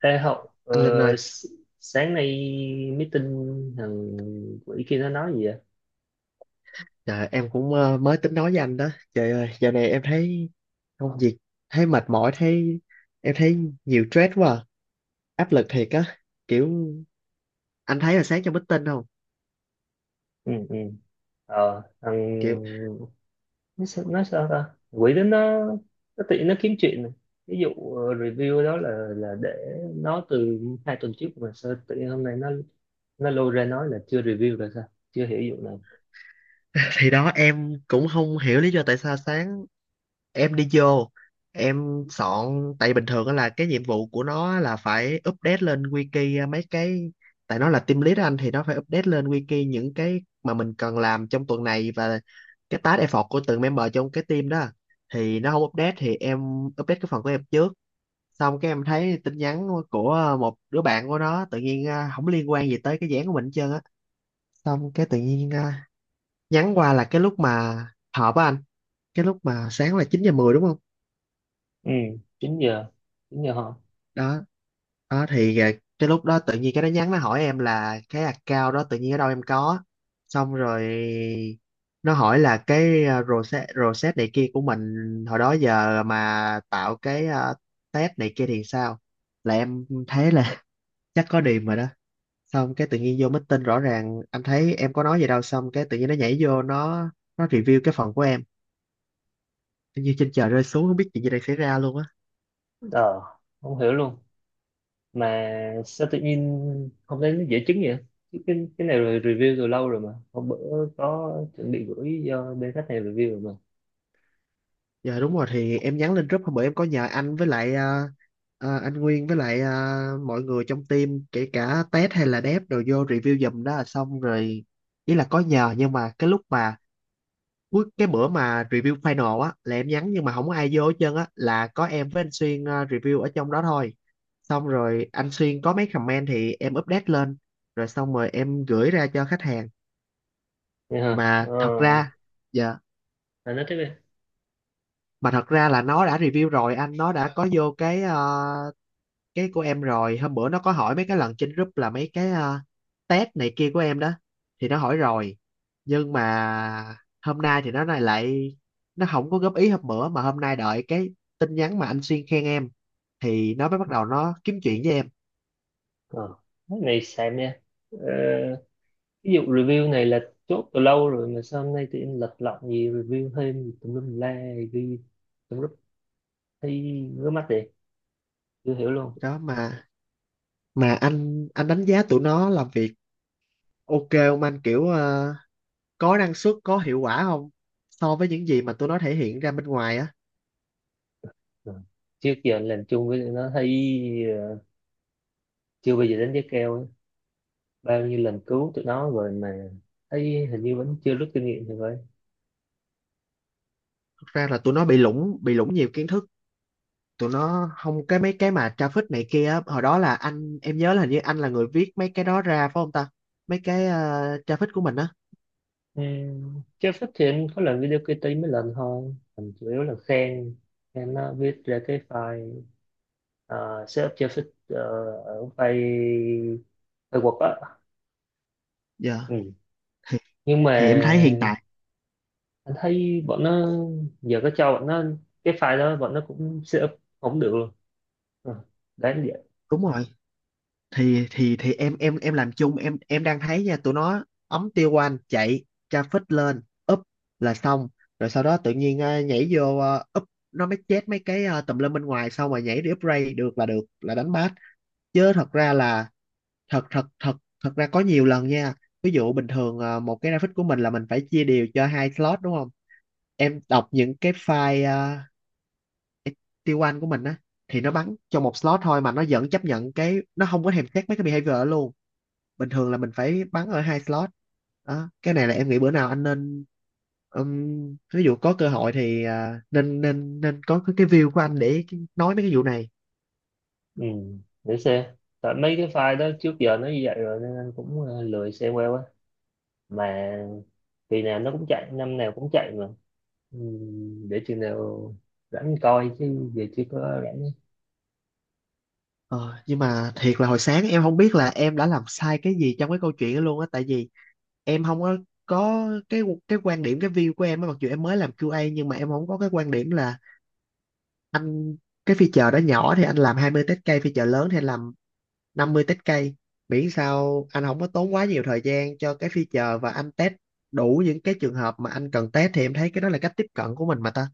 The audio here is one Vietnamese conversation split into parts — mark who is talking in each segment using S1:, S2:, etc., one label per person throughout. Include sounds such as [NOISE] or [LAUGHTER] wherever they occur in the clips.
S1: Ê Hậu,
S2: Anh Linh ơi,
S1: s- sáng nay meeting thằng quỷ kia nó nói gì vậy?
S2: trời, em cũng mới tính nói với anh đó. Trời ơi, giờ này em thấy công việc, thấy mệt mỏi, thấy em thấy nhiều stress quá, áp lực thiệt á. Kiểu anh thấy là sáng trong meeting không?
S1: Ừ, ừ. Ờ,
S2: Kiểu
S1: thằng... nó sao ta? Quỷ đó nó tự nó kiếm chuyện này. Ví dụ review đó là để nó từ hai tuần trước mà sao tự nhiên hôm nay nó lôi ra nói là chưa review là sao? Chưa hiểu vụ này.
S2: [LAUGHS] thì đó em cũng không hiểu lý do tại sao sáng em đi vô, em soạn. Tại bình thường á là cái nhiệm vụ của nó là phải update lên wiki mấy cái, tại nó là team lead anh, thì nó phải update lên wiki những cái mà mình cần làm trong tuần này và cái task effort của từng member trong cái team đó. Thì nó không update thì em update cái phần của em trước. Xong cái em thấy tin nhắn của một đứa bạn của nó tự nhiên không liên quan gì tới cái dự án của mình hết trơn á. Xong cái tự nhiên nhắn qua là cái lúc mà họp á anh, cái lúc mà sáng là 9 giờ 10 đúng không?
S1: Ừ, 9 giờ. 9 giờ hả?
S2: Đó, đó thì cái lúc đó tự nhiên cái nó nhắn, nó hỏi em là cái account đó tự nhiên ở đâu em có. Xong rồi nó hỏi là cái rosette rosette này kia của mình hồi đó giờ mà tạo cái test này kia thì sao. Là em thấy là [LAUGHS] chắc có điểm rồi đó. Xong cái tự nhiên vô meeting, rõ ràng anh thấy em có nói gì đâu, xong cái tự nhiên nó nhảy vô, nó review cái phần của em. Tự nhiên trên trời rơi xuống, không biết chuyện gì đang xảy ra luôn á.
S1: Ờ, không hiểu luôn. Mà sao tự nhiên hôm nay nó dễ chứng vậy? Chứ cái này rồi review từ lâu rồi mà hôm bữa có chuẩn bị gửi cho bên khách hàng review rồi mà
S2: Dạ đúng rồi, thì em nhắn lên group hôm bữa, em có nhờ anh với lại anh Nguyên với lại mọi người trong team, kể cả Tết hay là Đép đều vô review giùm đó, là xong rồi. Ý là có nhờ, nhưng mà cái lúc mà cuối cái bữa mà review final á là em nhắn nhưng mà không có ai vô hết trơn á, là có em với anh Xuyên review ở trong đó thôi. Xong rồi anh Xuyên có mấy comment thì em update lên, rồi xong rồi em gửi ra cho khách hàng.
S1: nha
S2: Mà
S1: ha
S2: thật
S1: ờ
S2: ra, dạ,
S1: à, nói tiếp đi
S2: mà thật ra là nó đã review rồi anh, nó đã có vô cái cái của em rồi. Hôm bữa nó có hỏi mấy cái lần trên group là mấy cái test này kia của em đó, thì nó hỏi rồi. Nhưng mà hôm nay thì nó này lại, nó không có góp ý hôm bữa mà hôm nay đợi cái tin nhắn mà anh Xuyên khen em thì nó mới bắt đầu nó kiếm chuyện với em
S1: ờ cái này xem nha ờ, ví dụ review này là chốt từ lâu rồi mà sao hôm nay tự nhiên lật lọng gì review thêm gì tùm lum tùm la ghi tùm lum thấy ngứa mắt vậy chưa hiểu luôn.
S2: đó. Mà anh đánh giá tụi nó làm việc ok không anh, kiểu có năng suất, có hiệu quả không, so với những gì mà tụi nó thể hiện ra bên ngoài á?
S1: Ờ. Trước giờ làm chung với tụi nó thấy ờ, chưa bao giờ đánh giá cao ấy. Bao nhiêu lần cứu tụi nó rồi mà thấy hình như vẫn chưa rút kinh nghiệm thì vậy.
S2: Thật ra là tụi nó bị lủng, bị lủng nhiều kiến thức. Tụi nó không, cái mấy cái mà traffic này kia á, hồi đó là anh, em nhớ là hình như anh là người viết mấy cái đó ra phải không ta? Mấy cái traffic của mình á.
S1: Chưa phát triển có làm video KT mấy lần thôi mình chủ yếu là khen, nó viết ra cái file setup chưa fit ờ, ở file file Word á.
S2: Dạ
S1: Ừ.
S2: thì
S1: Nhưng mà
S2: em thấy hiện tại,
S1: anh thấy bọn nó giờ có cho bọn nó cái file đó bọn nó cũng setup không được luôn. Ờ, đáng vậy.
S2: đúng rồi, thì em làm chung, em đang thấy nha, tụi nó ống tiêu quan chạy traffic lên, up là xong. Rồi sau đó tự nhiên nhảy vô up, nó mới chết mấy cái tùm lum bên ngoài, xong rồi nhảy đi upgrade, được là được, là đánh bát. Chứ thật ra là, thật thật thật thật ra có nhiều lần nha. Ví dụ bình thường một cái graphic của mình là mình phải chia đều cho hai slot đúng không? Em đọc những cái file T1 của mình á, thì nó bắn cho một slot thôi mà nó vẫn chấp nhận, cái nó không có thèm xét mấy cái behavior ở luôn. Bình thường là mình phải bắn ở hai slot đó. Cái này là em nghĩ bữa nào anh nên, ví dụ có cơ hội thì nên nên nên có cái view của anh để nói mấy cái vụ này.
S1: Ừ. Để xem, tại mấy cái file đó trước giờ nó như vậy rồi nên anh cũng lười xem qua quá, mà kỳ nào nó cũng chạy năm nào cũng chạy mà. Ừ, để chừng nào rảnh coi chứ giờ chưa có rảnh.
S2: Ờ, nhưng mà thiệt là hồi sáng em không biết là em đã làm sai cái gì trong cái câu chuyện đó luôn á, tại vì em không có, có cái quan điểm, cái view của em á, mặc dù em mới làm QA nhưng mà em không có cái quan điểm là anh, cái feature đó nhỏ thì anh làm 20 test case, feature lớn thì anh làm 50 test case, miễn sao anh không có tốn quá nhiều thời gian cho cái feature và anh test đủ những cái trường hợp mà anh cần test, thì em thấy cái đó là cách tiếp cận của mình mà ta.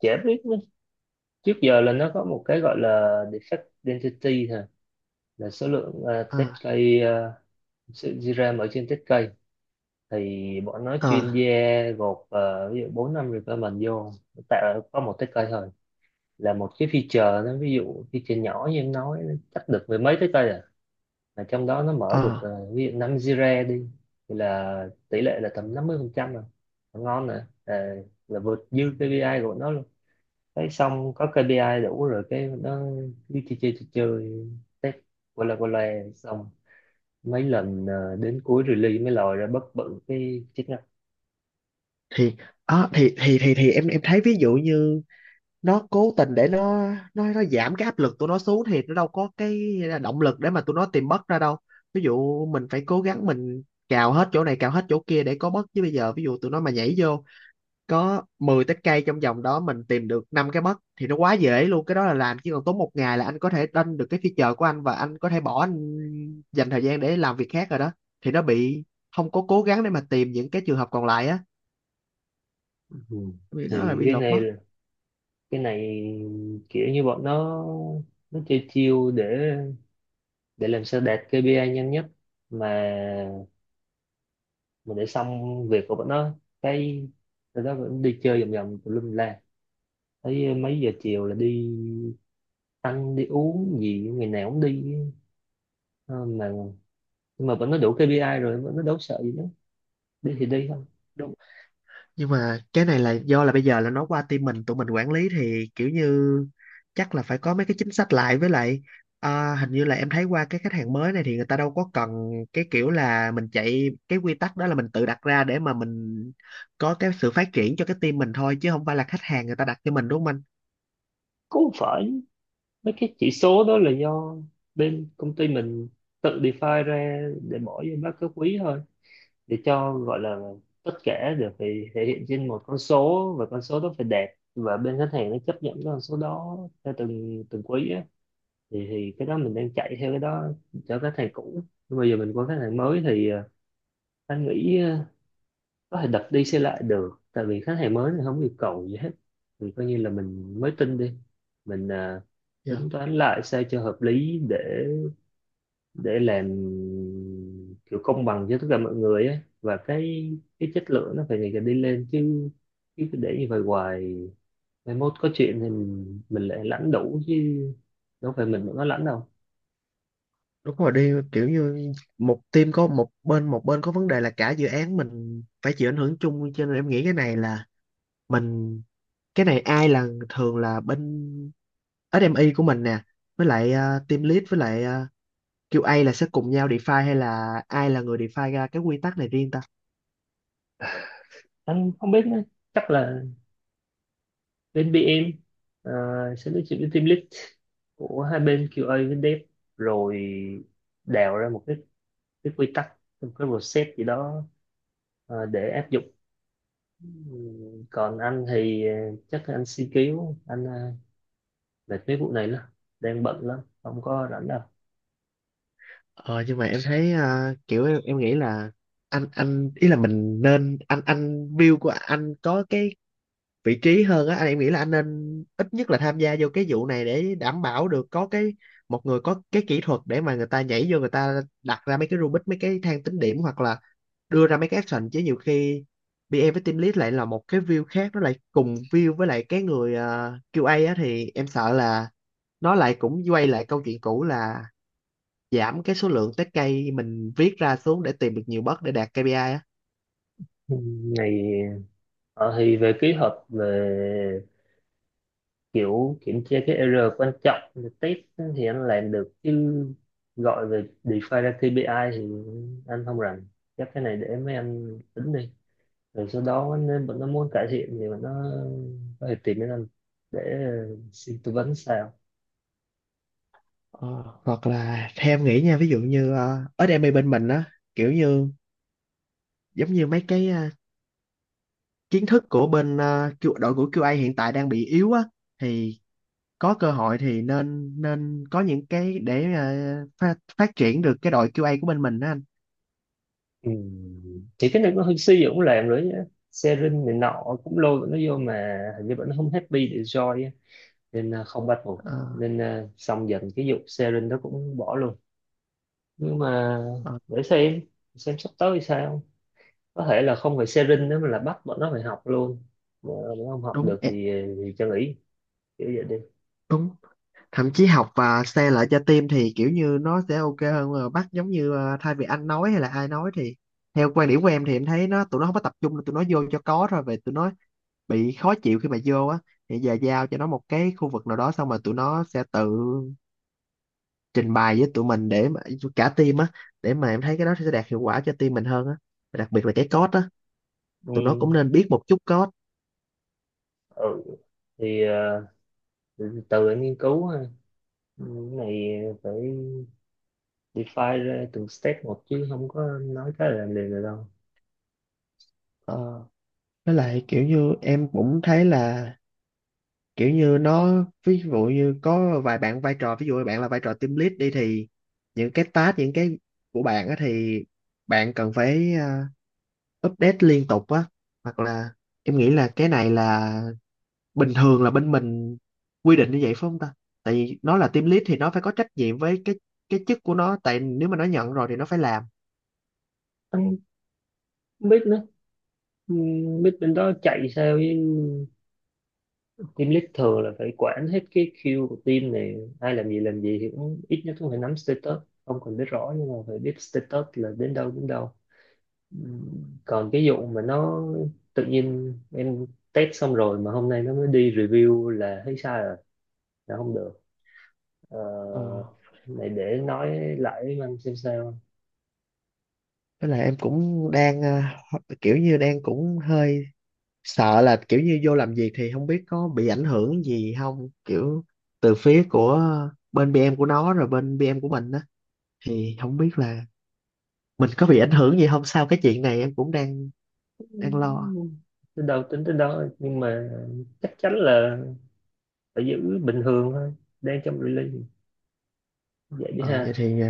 S1: Chả biết nữa. Trước giờ là nó có một cái gọi là defect density thôi, là số lượng
S2: ờ
S1: test cây, sự di RAM ở trên test cây thì bọn nó chuyên
S2: ờ
S1: gia gộp, ví dụ bốn năm requirement vô tạo có một test cây thôi, là một cái feature, nó ví dụ feature nhỏ như em nói nó chắc được mười mấy test cây à, là trong đó nó mở
S2: ờ
S1: được, ví dụ 5 Jira đi, thì là tỷ lệ là tầm 50% rồi. Là ngon rồi à, là vượt dư KPI của nó luôn, cái xong có KPI đủ rồi cái nó đi chơi chơi chơi chơi, test qua là xong, mấy lần đến cuối release mới lòi ra bất bự cái chức năng.
S2: thì em thấy ví dụ như nó cố tình để nó, nó giảm cái áp lực tụi nó xuống thì nó đâu có cái động lực để mà tụi nó tìm bất ra đâu. Ví dụ mình phải cố gắng, mình cào hết chỗ này, cào hết chỗ kia để có bất, chứ bây giờ ví dụ tụi nó mà nhảy vô có 10 tép cây trong vòng đó, mình tìm được năm cái bất thì nó quá dễ luôn. Cái đó là làm chỉ còn tốn một ngày là anh có thể lên được cái feature của anh và anh có thể bỏ anh, dành thời gian để làm việc khác rồi đó. Thì nó bị không có cố gắng để mà tìm những cái trường hợp còn lại á,
S1: Ừ.
S2: vì nó là
S1: thì
S2: bị
S1: cái
S2: lột
S1: này
S2: mất.
S1: là- Cái này kiểu như bọn nó chơi chiêu để làm sao đạt KPI nhanh nhất mà mình để xong việc của bọn nó, cái tụi nó vẫn đi chơi vòng vòng tùm lum la, thấy mấy giờ chiều là đi ăn đi uống gì ngày nào cũng đi. Ờ, mà nhưng mà bọn nó đủ KPI rồi bọn nó đâu sợ gì nữa, đi thì đi thôi.
S2: Nhưng mà cái này là do là bây giờ là nó qua team mình, tụi mình quản lý thì kiểu như chắc là phải có mấy cái chính sách lại, với lại hình như là em thấy qua cái khách hàng mới này thì người ta đâu có cần, cái kiểu là mình chạy cái quy tắc đó là mình tự đặt ra để mà mình có cái sự phát triển cho cái team mình thôi, chứ không phải là khách hàng người ta đặt cho mình, đúng không anh?
S1: Cũng không phải, mấy cái chỉ số đó là do bên công ty mình tự define ra để bỏ vô báo cáo quý thôi, để cho gọi là tất cả đều phải thể hiện trên một con số, và con số đó phải đẹp và bên khách hàng nó chấp nhận cái con số đó theo từng từng quý á, thì cái đó mình đang chạy theo cái đó cho các thầy cũ, nhưng bây giờ mình qua các thầy mới thì anh nghĩ có thể đập đi xây lại được, tại vì khách hàng mới thì không yêu cầu gì hết, thì coi như là mình mới tin đi, mình
S2: Dạ.
S1: tính toán lại sao cho hợp lý để làm kiểu công bằng cho tất cả mọi người ấy. Và cái chất lượng nó phải ngày càng đi lên chứ, chứ cứ để như vậy hoài mai mốt có chuyện thì mình lại lãnh đủ chứ đâu phải mình mà có lãnh đâu.
S2: Đúng rồi đi, kiểu như một team có một bên, một bên có vấn đề là cả dự án mình phải chịu ảnh hưởng chung, cho nên em nghĩ cái này là mình, cái này ai là, thường là bên SME của mình nè, với lại team lead với lại QA là sẽ cùng nhau define, hay là ai là người define ra cái quy tắc này riêng ta?
S1: Anh không biết nữa. Chắc là bên BM ờ, sẽ nói chuyện với team lead của hai bên QA với dev, rồi đào ra một cái, quy tắc một cái process gì đó để áp dụng. Còn anh thì chắc là anh si cứu anh mệt mấy vụ này lắm, đang bận lắm không có rảnh đâu.
S2: Ờ nhưng mà em thấy kiểu em nghĩ là anh ý là mình nên, anh view của anh có cái vị trí hơn á anh, em nghĩ là anh nên ít nhất là tham gia vô cái vụ này để đảm bảo được có cái một người có cái kỹ thuật, để mà người ta nhảy vô, người ta đặt ra mấy cái Rubik, mấy cái thang tính điểm, hoặc là đưa ra mấy cái action. Chứ nhiều khi pê em với team lead lại là một cái view khác, nó lại cùng view với lại cái người QA á, thì em sợ là nó lại cũng quay lại câu chuyện cũ là giảm cái số lượng test case mình viết ra xuống để tìm được nhiều bug để đạt KPI á.
S1: Ngày thì về kế hoạch về kiểu kiểm tra cái error quan trọng thì test thì anh làm được chứ, gọi về define ra KPI thì anh không rành, chắc cái này để mấy anh tính đi, rồi sau đó nếu bọn nó muốn cải thiện thì bọn nó có thể tìm đến anh để xin tư vấn sao.
S2: Ờ, hoặc là theo em nghĩ nha, ví dụ như ở đây bên mình á, kiểu như giống như mấy cái kiến thức của bên Q- đội của QA hiện tại đang bị yếu á, thì có cơ hội thì nên nên có những cái để phát, phát triển được cái đội QA của bên mình đó anh.
S1: Ừ. Thì cái này nó hơi suy cũng làm rồi nhá, sharing này nọ cũng lôi bọn nó vô mà hình như bọn nó không happy để join á. Nên à, không bắt buộc,
S2: Ờ,
S1: nên à, xong dần cái vụ sharing đó cũng bỏ luôn. Nhưng mà
S2: ờ,
S1: để xem sắp tới thì sao, có thể là không phải sharing nữa mà là bắt bọn nó phải học luôn, mà nó không học
S2: đúng
S1: được
S2: ẹ,
S1: thì cho nghỉ kiểu vậy đi.
S2: đúng, thậm chí học và share lại cho team thì kiểu như nó sẽ ok hơn, mà bắt giống như thay vì anh nói hay là ai nói thì theo quan điểm của em thì em thấy nó, tụi nó không có tập trung, tụi nó vô cho có thôi. Về tụi nó bị khó chịu khi mà vô á, thì giờ giao cho nó một cái khu vực nào đó xong rồi tụi nó sẽ tự trình bày với tụi mình để mà cả team á, để mà em thấy cái đó sẽ đạt hiệu quả cho team mình hơn á, đặc biệt là cái code á,
S1: Ừ,
S2: tụi nó cũng nên biết một chút code.
S1: ừ. Thì từ từ anh nghiên cứu ha. Ừ, cái này phải define ra từng step một chứ không có nói cái là liền được đâu.
S2: Ờ, với lại kiểu như em cũng thấy là kiểu như nó, ví dụ như có vài bạn vai trò, ví dụ bạn là vai trò team lead đi, thì những cái task, những cái của bạn á thì bạn cần phải update liên tục á. Hoặc là em nghĩ là cái này là bình thường là bên mình quy định như vậy phải không ta, tại vì nó là team lead thì nó phải có trách nhiệm với cái chức của nó, tại nếu mà nó nhận rồi thì nó phải làm.
S1: Anh không biết nữa. Ừ, không biết bên đó chạy sao, với team lead thường là phải quản hết cái queue của team này ai làm gì thì cũng ít nhất cũng phải nắm status, không cần biết rõ nhưng mà phải biết status là đến đâu đến đâu. Còn cái vụ mà nó tự nhiên em test xong rồi mà hôm nay nó mới đi review là thấy sai rồi, là không được. Ờ,
S2: Ờ.
S1: này để nói lại với anh xem sao.
S2: Với lại em cũng đang kiểu như đang cũng hơi sợ là kiểu như vô làm việc thì không biết có bị ảnh hưởng gì không, kiểu từ phía của bên BM của nó rồi bên BM của mình á, thì không biết là mình có bị ảnh hưởng gì không sau cái chuyện này, em cũng đang đang lo.
S1: Ừm, tới đâu tính tới đó, nhưng mà chắc chắn là phải giữ bình thường thôi, đang trong release, vậy đi
S2: Ờ Vậy
S1: ha.
S2: thì ờ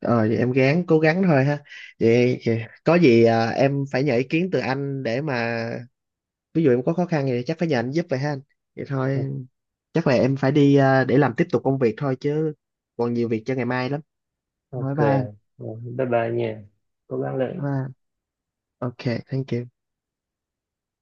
S2: ờ, vậy em gắng, cố gắng thôi ha. Vậy, vậy có gì em phải nhờ ý kiến từ anh để mà ví dụ em có khó khăn gì thì chắc phải nhờ anh giúp vậy ha anh. Vậy thôi, chắc là em phải đi để làm tiếp tục công việc thôi chứ, còn nhiều việc cho ngày mai lắm.
S1: Ok.
S2: Nói bye anh.
S1: Rồi, bye bye nha, cố gắng
S2: Bye
S1: lên.
S2: anh. Ok, thank you.